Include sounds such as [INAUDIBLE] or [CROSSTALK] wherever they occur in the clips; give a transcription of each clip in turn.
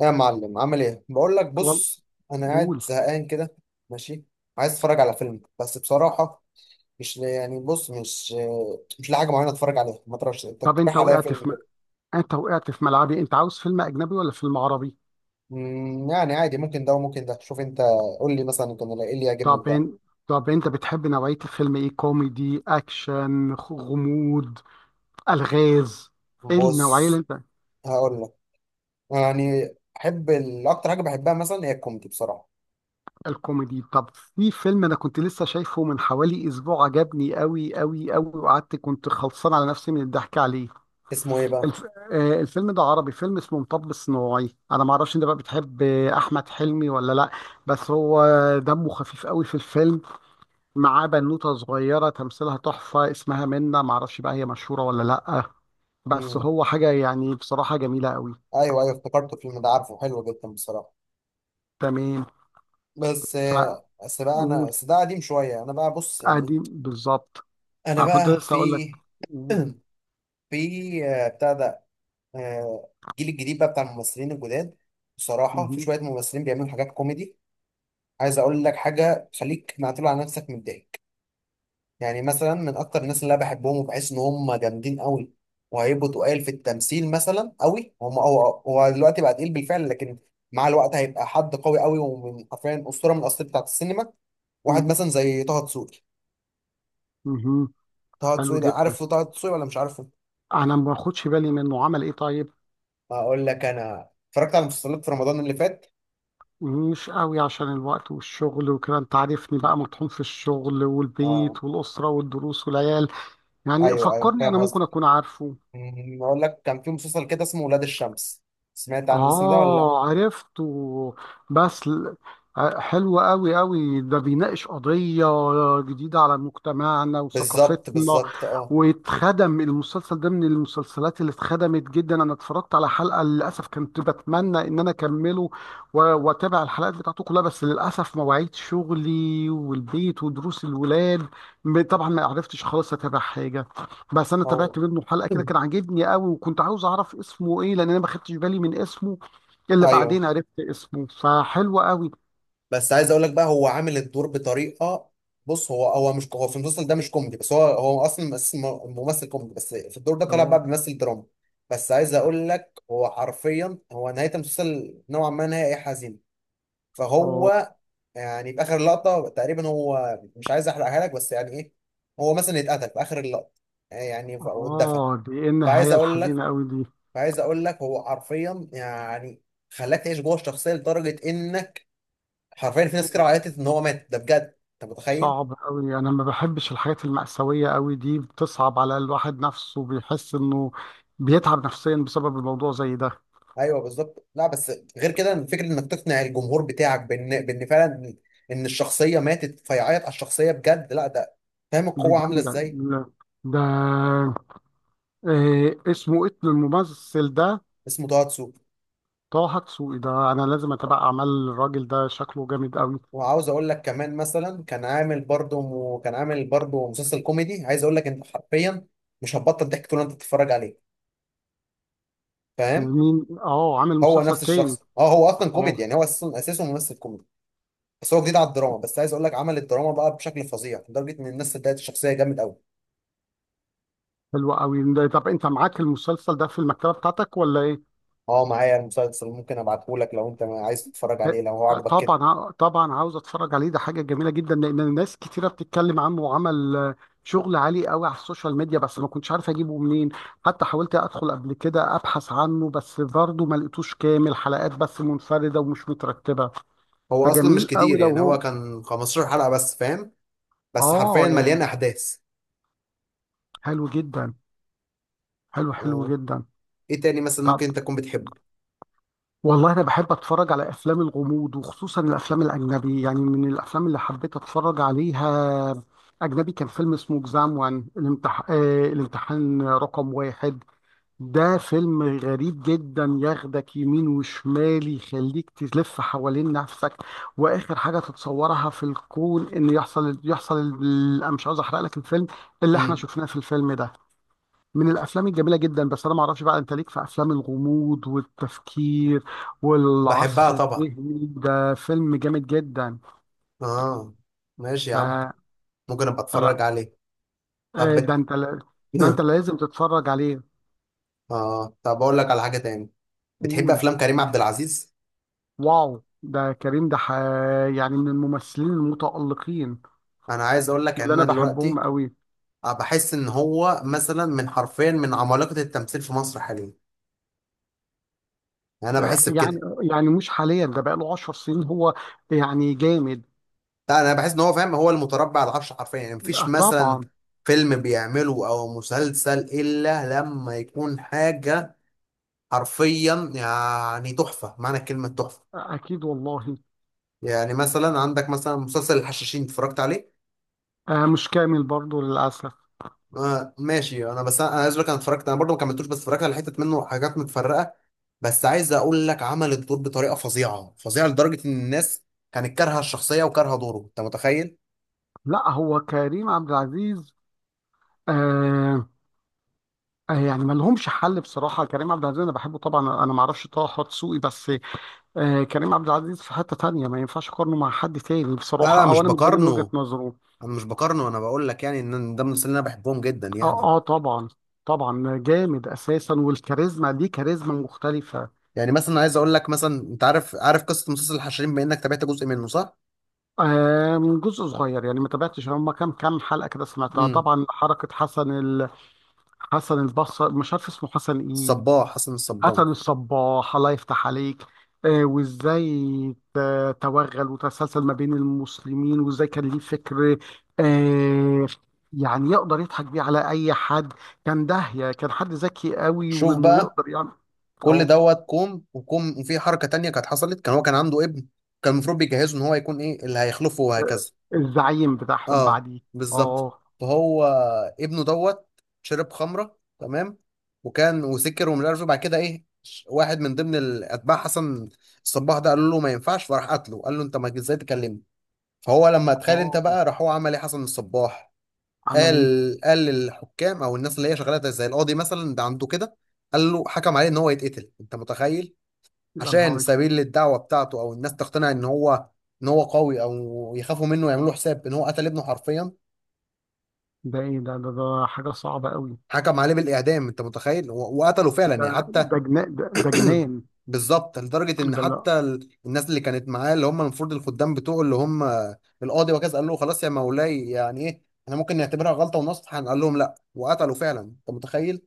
يا معلم عامل ايه؟ بقول لك وال... بص، انا قاعد قول. زهقان كده. ماشي، عايز اتفرج على فيلم بس بصراحه مش يعني بص مش مش لاقي حاجه معينه اتفرج عليها. ما تعرفش انت طب انت تقترح عليا وقعت فيلم في م... كده؟ انت وقعت في ملعبي. انت عاوز فيلم اجنبي ولا فيلم عربي؟ يعني عادي، ممكن ده وممكن ده. شوف انت، قول لي مثلا كان ايه اللي يعجبني في طب ده. ان... طب انت بتحب نوعية الفيلم ايه؟ كوميدي، اكشن، غموض، الغاز؟ ايه النوعية اللي بص، انت؟ هقول لك يعني احب اكتر حاجه بحبها مثلا هي الكوميدي بصراحه. الكوميدي. طب في فيلم انا كنت لسه شايفه من حوالي اسبوع، عجبني قوي قوي قوي، وقعدت كنت خلصان على نفسي من الضحك عليه. اسمه ايه بقى؟ الف... الفيلم ده عربي، فيلم اسمه مطب صناعي. انا ما اعرفش انت بقى بتحب احمد حلمي ولا لا؟ بس هو دمه خفيف قوي في الفيلم. معاه بنوتة صغيرة تمثيلها تحفة، اسمها منة، معرفش بقى هي مشهورة ولا لأ. بس امم، هو حاجة يعني بصراحة جميلة قوي. ايوه ايوه، افتكرت الفيلم ده. عارفه، حلو جدا بصراحه. تمام. بس بس بقى انا فقول. بس ده قديم شويه. انا بقى بص يعني، ادي بالظبط. انا انا كنت بقى لسه في اقول لك. قول. [CLEARS THROAT] في بتاع ده، الجيل الجديد بقى بتاع الممثلين الجداد. بصراحه في مهم. شويه ممثلين بيعملوا حاجات كوميدي، عايز اقول لك حاجه، خليك معتول على نفسك من ضحك. يعني مثلا من اكتر الناس اللي انا بحبهم وبحس ان هم جامدين قوي وهيبقوا تقال في التمثيل مثلا قوي هو هو دلوقتي بقى تقيل بالفعل، لكن مع الوقت هيبقى حد قوي قوي ومن حرفيا اسطوره من الاساطير بتاعت السينما. واحد مهم. مثلا زي طه دسوقي. مهم. طه حلو دسوقي ده، جدا. عارف طه دسوقي ولا مش عارفه؟ انا ما باخدش بالي منه. عمل ايه طيب؟ هقول لك، انا اتفرجت على مسلسلات في رمضان اللي فات. مش قوي، عشان الوقت والشغل وكده، انت عارفني بقى مطحون في الشغل اه، والبيت والأسرة والدروس والعيال. يعني ايوه ايوه فكرني، فاهم انا قصدك. ممكن اكون عارفه. اقول لك، كان في مسلسل كده اسمه ولاد الشمس. سمعت عن الاسم ده ولا لا؟ آه، عرفته. بس ل- حلو أوي أوي، ده بيناقش قضية جديدة على مجتمعنا بالظبط وثقافتنا. بالظبط اه. واتخدم المسلسل ده من المسلسلات اللي اتخدمت جدا. أنا اتفرجت على حلقة، للأسف كنت بتمنى إن أنا أكمله وأتابع الحلقات بتاعته كلها، بس للأسف مواعيد شغلي والبيت ودروس الولاد. طبعا ما عرفتش خالص أتابع حاجة. بس انا هو تابعت منه حلقه كده [CLEARS THROAT] كان عاجبني قوي، وكنت عاوز اعرف اسمه ايه، لان انا ما خدتش بالي من اسمه. الا ايوه، بعدين عرفت اسمه، فحلو قوي. بس عايز اقول لك بقى هو عامل الدور بطريقه. بص، هو في المسلسل ده مش كوميدي، بس هو اصلا ممثل كوميدي، بس في الدور ده طلع بقى اه. بيمثل دراما. بس عايز اقول لك هو حرفيا، هو نهايه المسلسل نوعا ما نهايه حزينه. اه. فهو يعني في اخر لقطه تقريبا، هو مش عايز احرقها لك بس يعني ايه، هو مثلا اتقتل في اخر اللقطه يعني واتدفن. اه، دي ايه فعايز النهايه اقول لك الحزينه قوي دي؟ فعايز اقول لك، هو حرفيا يعني خلاك تعيش جوه الشخصيه لدرجه انك حرفيا في ناس كتير عيطت ان هو مات ده بجد. انت متخيل؟ صعب قوي، انا ما بحبش الحاجات المأساوية قوي دي، بتصعب على الواحد نفسه، بيحس انه بيتعب نفسيا بسبب الموضوع زي ده. ايوه بالظبط. لا بس غير كده، فكره انك تقنع الجمهور بتاعك بان فعلا ان الشخصيه ماتت، فيعيط على الشخصيه بجد، لا ده فاهم دي القوه عامله جامدة. ازاي. لا، ده، إيه اسمه؟ إيه الممثل ده؟ اسمه تواتسو. طه حقسوقي ده انا لازم اتابع اعمال الراجل ده، شكله جامد قوي. وعاوز اقول لك كمان، مثلا كان عامل برضه مسلسل كوميدي، عايز اقول لك انت حرفيا مش هتبطل ضحك طول ما انت بتتفرج عليه. فاهم؟ مين؟ اه، عامل هو مسلسل نفس تاني؟ الشخص، اه، هو اصلا كوميدي اه. يعني هو اساسه ممثل كوميدي، بس هو جديد على الدراما. بس عايز اقول لك عمل الدراما بقى بشكل فظيع لدرجه ان الناس صدقت الشخصيه، جامد قوي. حلو قوي. طب انت معاك المسلسل ده في المكتبه بتاعتك ولا ايه؟ اه، معايا المسلسل، ممكن ابعته لك لو انت عايز تتفرج عليه، لو هو عجبك كده. طبعا، طبعا عاوز اتفرج عليه. ده حاجه جميله جدا، لان ناس كتيره بتتكلم عنه، وعمل شغل عالي قوي على السوشيال ميديا، بس ما كنتش عارف اجيبه منين. حتى حاولت ادخل قبل كده ابحث عنه، بس برضه ما لقيتوش كامل، حلقات بس منفرده ومش مترتبه. هو اصلا مش فجميل قوي كتير، لو يعني هو هو. كان 15 حلقه بس، فاهم؟ بس اه حرفيا يعني. مليان احداث. حلو جدا. حلو، حلو آه. جدا. ايه تاني مثلا طب، ممكن انت تكون بتحبه؟ والله انا بحب اتفرج على افلام الغموض، وخصوصا الافلام الاجنبي. يعني من الافلام اللي حبيت اتفرج عليها اجنبي، كان فيلم اسمه اكزام وان، الامتحان رقم واحد. ده فيلم غريب جدا، ياخدك يمين وشمال، يخليك تلف حوالين نفسك. واخر حاجه تتصورها في الكون ان يحصل، انا مش عاوز احرق لك الفيلم اللي احنا امم، شفناه في الفيلم ده. من الافلام الجميله جدا، بس انا ما اعرفش بقى انت ليك في افلام الغموض والتفكير والعصف بحبها طبعا. الذهني. ده فيلم جامد جدا. اه ماشي يا ف... عم، ممكن ابقى اتفرج فلا عليه. طب آه، ده انت ده انت [CLEARS THROAT] [LAUGHS] لازم تتفرج عليه. اه، طب اقول لك على حاجه تاني. بتحب قول. افلام كريم عبد العزيز؟ واو، ده كريم، يعني من الممثلين المتألقين انا عايز اقول لك ان اللي انا انا بحبهم دلوقتي قوي. بحس ان هو مثلا من حرفيا من عمالقه التمثيل في مصر حاليا. يعني انا بحس يعني، بكده. يعني مش حاليا، ده بقاله 10 سنين هو، يعني جامد. لا انا بحس ان هو، فاهم، هو المتربع على العرش حرفيا، يعني آه، مفيش مثلا طبعا. فيلم بيعمله او مسلسل الا لما يكون حاجه حرفيا يعني تحفه، معنى كلمه تحفه. آه، اكيد والله. يعني مثلا عندك مثلا مسلسل الحشاشين، اتفرجت عليه؟ آه، مش كامل برضه للاسف. آه ماشي. انا بس انا أنا عايز اقول لك، انا اتفرجت، انا برضه ما كملتوش، بس اتفرجت على حتت منه، حاجات متفرقه. بس عايز اقول لك عمل الدور بطريقه فظيعه لدرجه ان الناس كانت كارهه الشخصيه وكارهه دوره. انت متخيل؟ لا، هو كريم عبد العزيز آه، يعني ما لهمش حل بصراحه. كريم عبد العزيز انا بحبه طبعا، انا ما اعرفش طه دسوقي، بس آه كريم عبد العزيز في حته تانية، ما ينفعش اقارنه مع حد تاني لا بصراحه، او مش انا من ده من وجهه بقارنه، نظره. انا مش بقارنه، انا بقول لك يعني ان ده من المسلسلين اللي انا بحبهم جدا يعني. اه، اه طبعا. طبعا، جامد اساسا، والكاريزما دي كاريزما مختلفه. يعني مثلا عايز اقول لك مثلا، انت عارف قصه مسلسل الحشرين، بما انك تابعت جزء منه، صح؟ آه من جزء صغير يعني، ما تابعتش هم كام حلقه كده، سمعتها امم، طبعا حركه حسن حسن البصري، مش عارف اسمه حسن ايه. الصباح، حسن الصباح. قتلوا الصباح، الله يفتح عليك. آه، وازاي توغل وتسلسل ما بين المسلمين، وازاي كان ليه فكر، آه، يعني يقدر يضحك بيه على اي حد. كان داهية، كان حد ذكي قوي، شوف وانه بقى، يقدر يعمل. كل اه، دوت كوم وكوم. وفي حركة تانية كانت حصلت، كان هو كان عنده ابن، كان المفروض بيجهزه ان هو يكون ايه اللي هيخلفه وهكذا. الزعيم بتاعهم اه، بعديه. بالظبط. اه. فهو، ابنه دوت شرب خمرة، تمام، وسكر ومش عارف إيه. بعد كده ايه، واحد من ضمن الاتباع حسن الصباح ده قال له ما ينفعش، فراح قتله. قال له انت ما ازاي تكلمني. فهو لما اتخيل، انت اه، بقى راح هو عمل ايه حسن الصباح؟ عمل ايه؟ قال للحكام، او الناس اللي هي شغاله زي القاضي مثلا، ده عنده كده، قال له حكم عليه ان هو يتقتل. انت متخيل؟ يا عشان نهاري. سبيل للدعوه بتاعته، او الناس تقتنع ان هو ان هو قوي او يخافوا منه ويعملوا له حساب، ان هو قتل ابنه حرفيا. ده ايه ده؟ ده حاجة صعبة قوي. حكم عليه بالاعدام، انت متخيل؟ وقتله فعلا يعني حتى. ده جنان، ده جنان. بالظبط، لدرجه ان ده لا. حتى الناس اللي كانت معاه، اللي هم المفروض الخدام بتوعه، اللي هم القاضي وكذا، قال له خلاص يا مولاي يعني ايه، احنا ممكن نعتبرها غلطه ونصح، قال لهم لا، وقتله فعلا. انت متخيل؟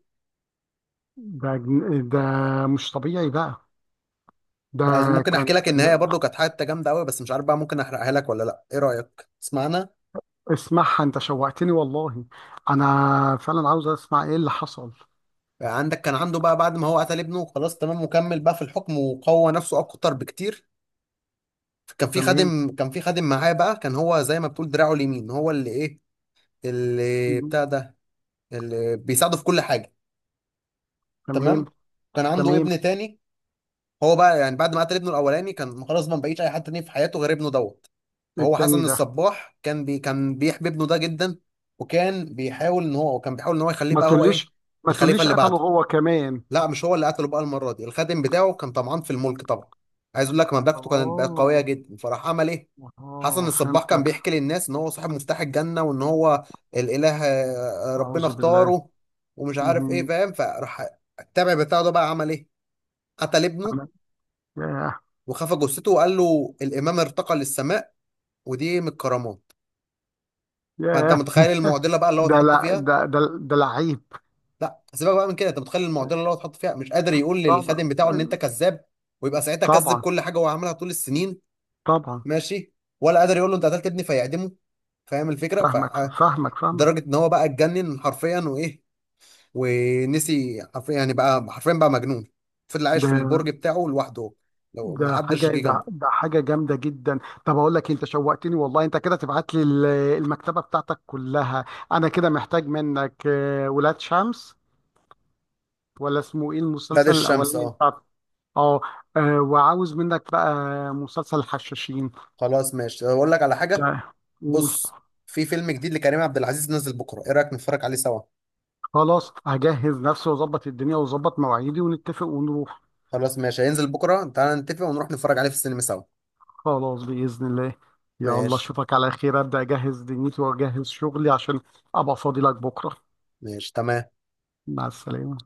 ده مش طبيعي بقى. ده بس ممكن كان. احكي لك النهايه برضو، كانت حته جامده قوي، بس مش عارف بقى ممكن احرقها لك ولا لا؟ ايه رايك تسمعنا؟ اسمعها، انت شوقتني والله، انا فعلا عاوز اسمع ايه اللي حصل. عندك، كان عنده بقى بعد ما هو قتل ابنه خلاص، تمام، وكمل بقى في الحكم وقوى نفسه اكتر بكتير. كان في تمام. خادم كان في خادم معاه بقى، كان هو زي ما بتقول دراعه اليمين، هو اللي ايه، اللي مم. بتاع ده، اللي بيساعده في كل حاجه. تمام. تمام؟ كان عنده تمام. ابن تاني. هو بقى يعني بعد ما قتل ابنه الاولاني كان خلاص ما بقيش اي حد تاني في حياته غير ابنه دوت. فهو التاني حسن ده. الصباح كان بيحب ابنه ده جدا، وكان بيحاول ان هو يخليه ما بقى هو ايه، تقوليش، ما الخليفه تقوليش اللي قتله بعده. هو كمان. لا مش هو اللي قتله بقى المرة دي، الخادم بتاعه كان طمعان في الملك طبعا، عايز اقول لك مملكته كانت بقى قوية اه، جدا، فراح عمل ايه؟ حسن اه الصباح كان فهمتك. بيحكي للناس ان هو صاحب مفتاح الجنة وان هو الاله، اعوذ ربنا بالله. اختاره ومش عارف ايه، مهم. فاهم؟ فراح التابع بتاعه ده بقى عمل ايه، قتل ابنه انا. ياه. وخفى جثته وقال له الامام ارتقى للسماء، ودي من الكرامات. فانت ياه. متخيل المعضلة بقى اللي هو ده اتحط لا، فيها. ده ده لعيب. لا سيبك بقى من كده، انت متخيل المعضله اللي هو اتحط فيها، مش قادر يقول طبعا. للخادم بتاعه ان انت كذاب، ويبقى ساعتها كذب طبعا. كل حاجه هو عملها طول السنين، طبعا. ماشي، ولا قادر يقول له انت قتلت ابني فيعدمه. فاهم الفكره؟ فاهمك، فدرجه فاهمك، فاهمك. ان هو بقى اتجنن حرفيا، وايه، ونسي حرفيا، يعني بقى حرفيا بقى مجنون، فضل عايش في ده، البرج بتاعه لوحده، لو ما ده حاجة حدش جه ده, جنبه. ده حاجة جامدة جدا. طب أقول لك إيه، أنت شوقتني والله. أنت كده تبعت لي المكتبة بتاعتك كلها. أنا كده محتاج منك ولاد شمس، ولا اسمه إيه نادي المسلسل الشمس، الأولاني اه. بتاع؟ أه. آه، وعاوز منك بقى مسلسل الحشاشين. خلاص ماشي، اقول لك على حاجه. ده- قول. بص، في فيلم جديد لكريم عبد العزيز نزل بكره، ايه رايك نتفرج عليه سوا؟ خلاص، هجهز نفسي وأظبط الدنيا وأظبط مواعيدي ونتفق ونروح. خلاص ماشي، هينزل بكره، تعالى نتفق ونروح نتفرج عليه في السينما سوا. خلاص بإذن الله. يلا ماشي، أشوفك على خير، أبدأ أجهز دنيتي وأجهز شغلي عشان أبقى فاضي لك بكرة. ماشي، تمام. مع السلامة.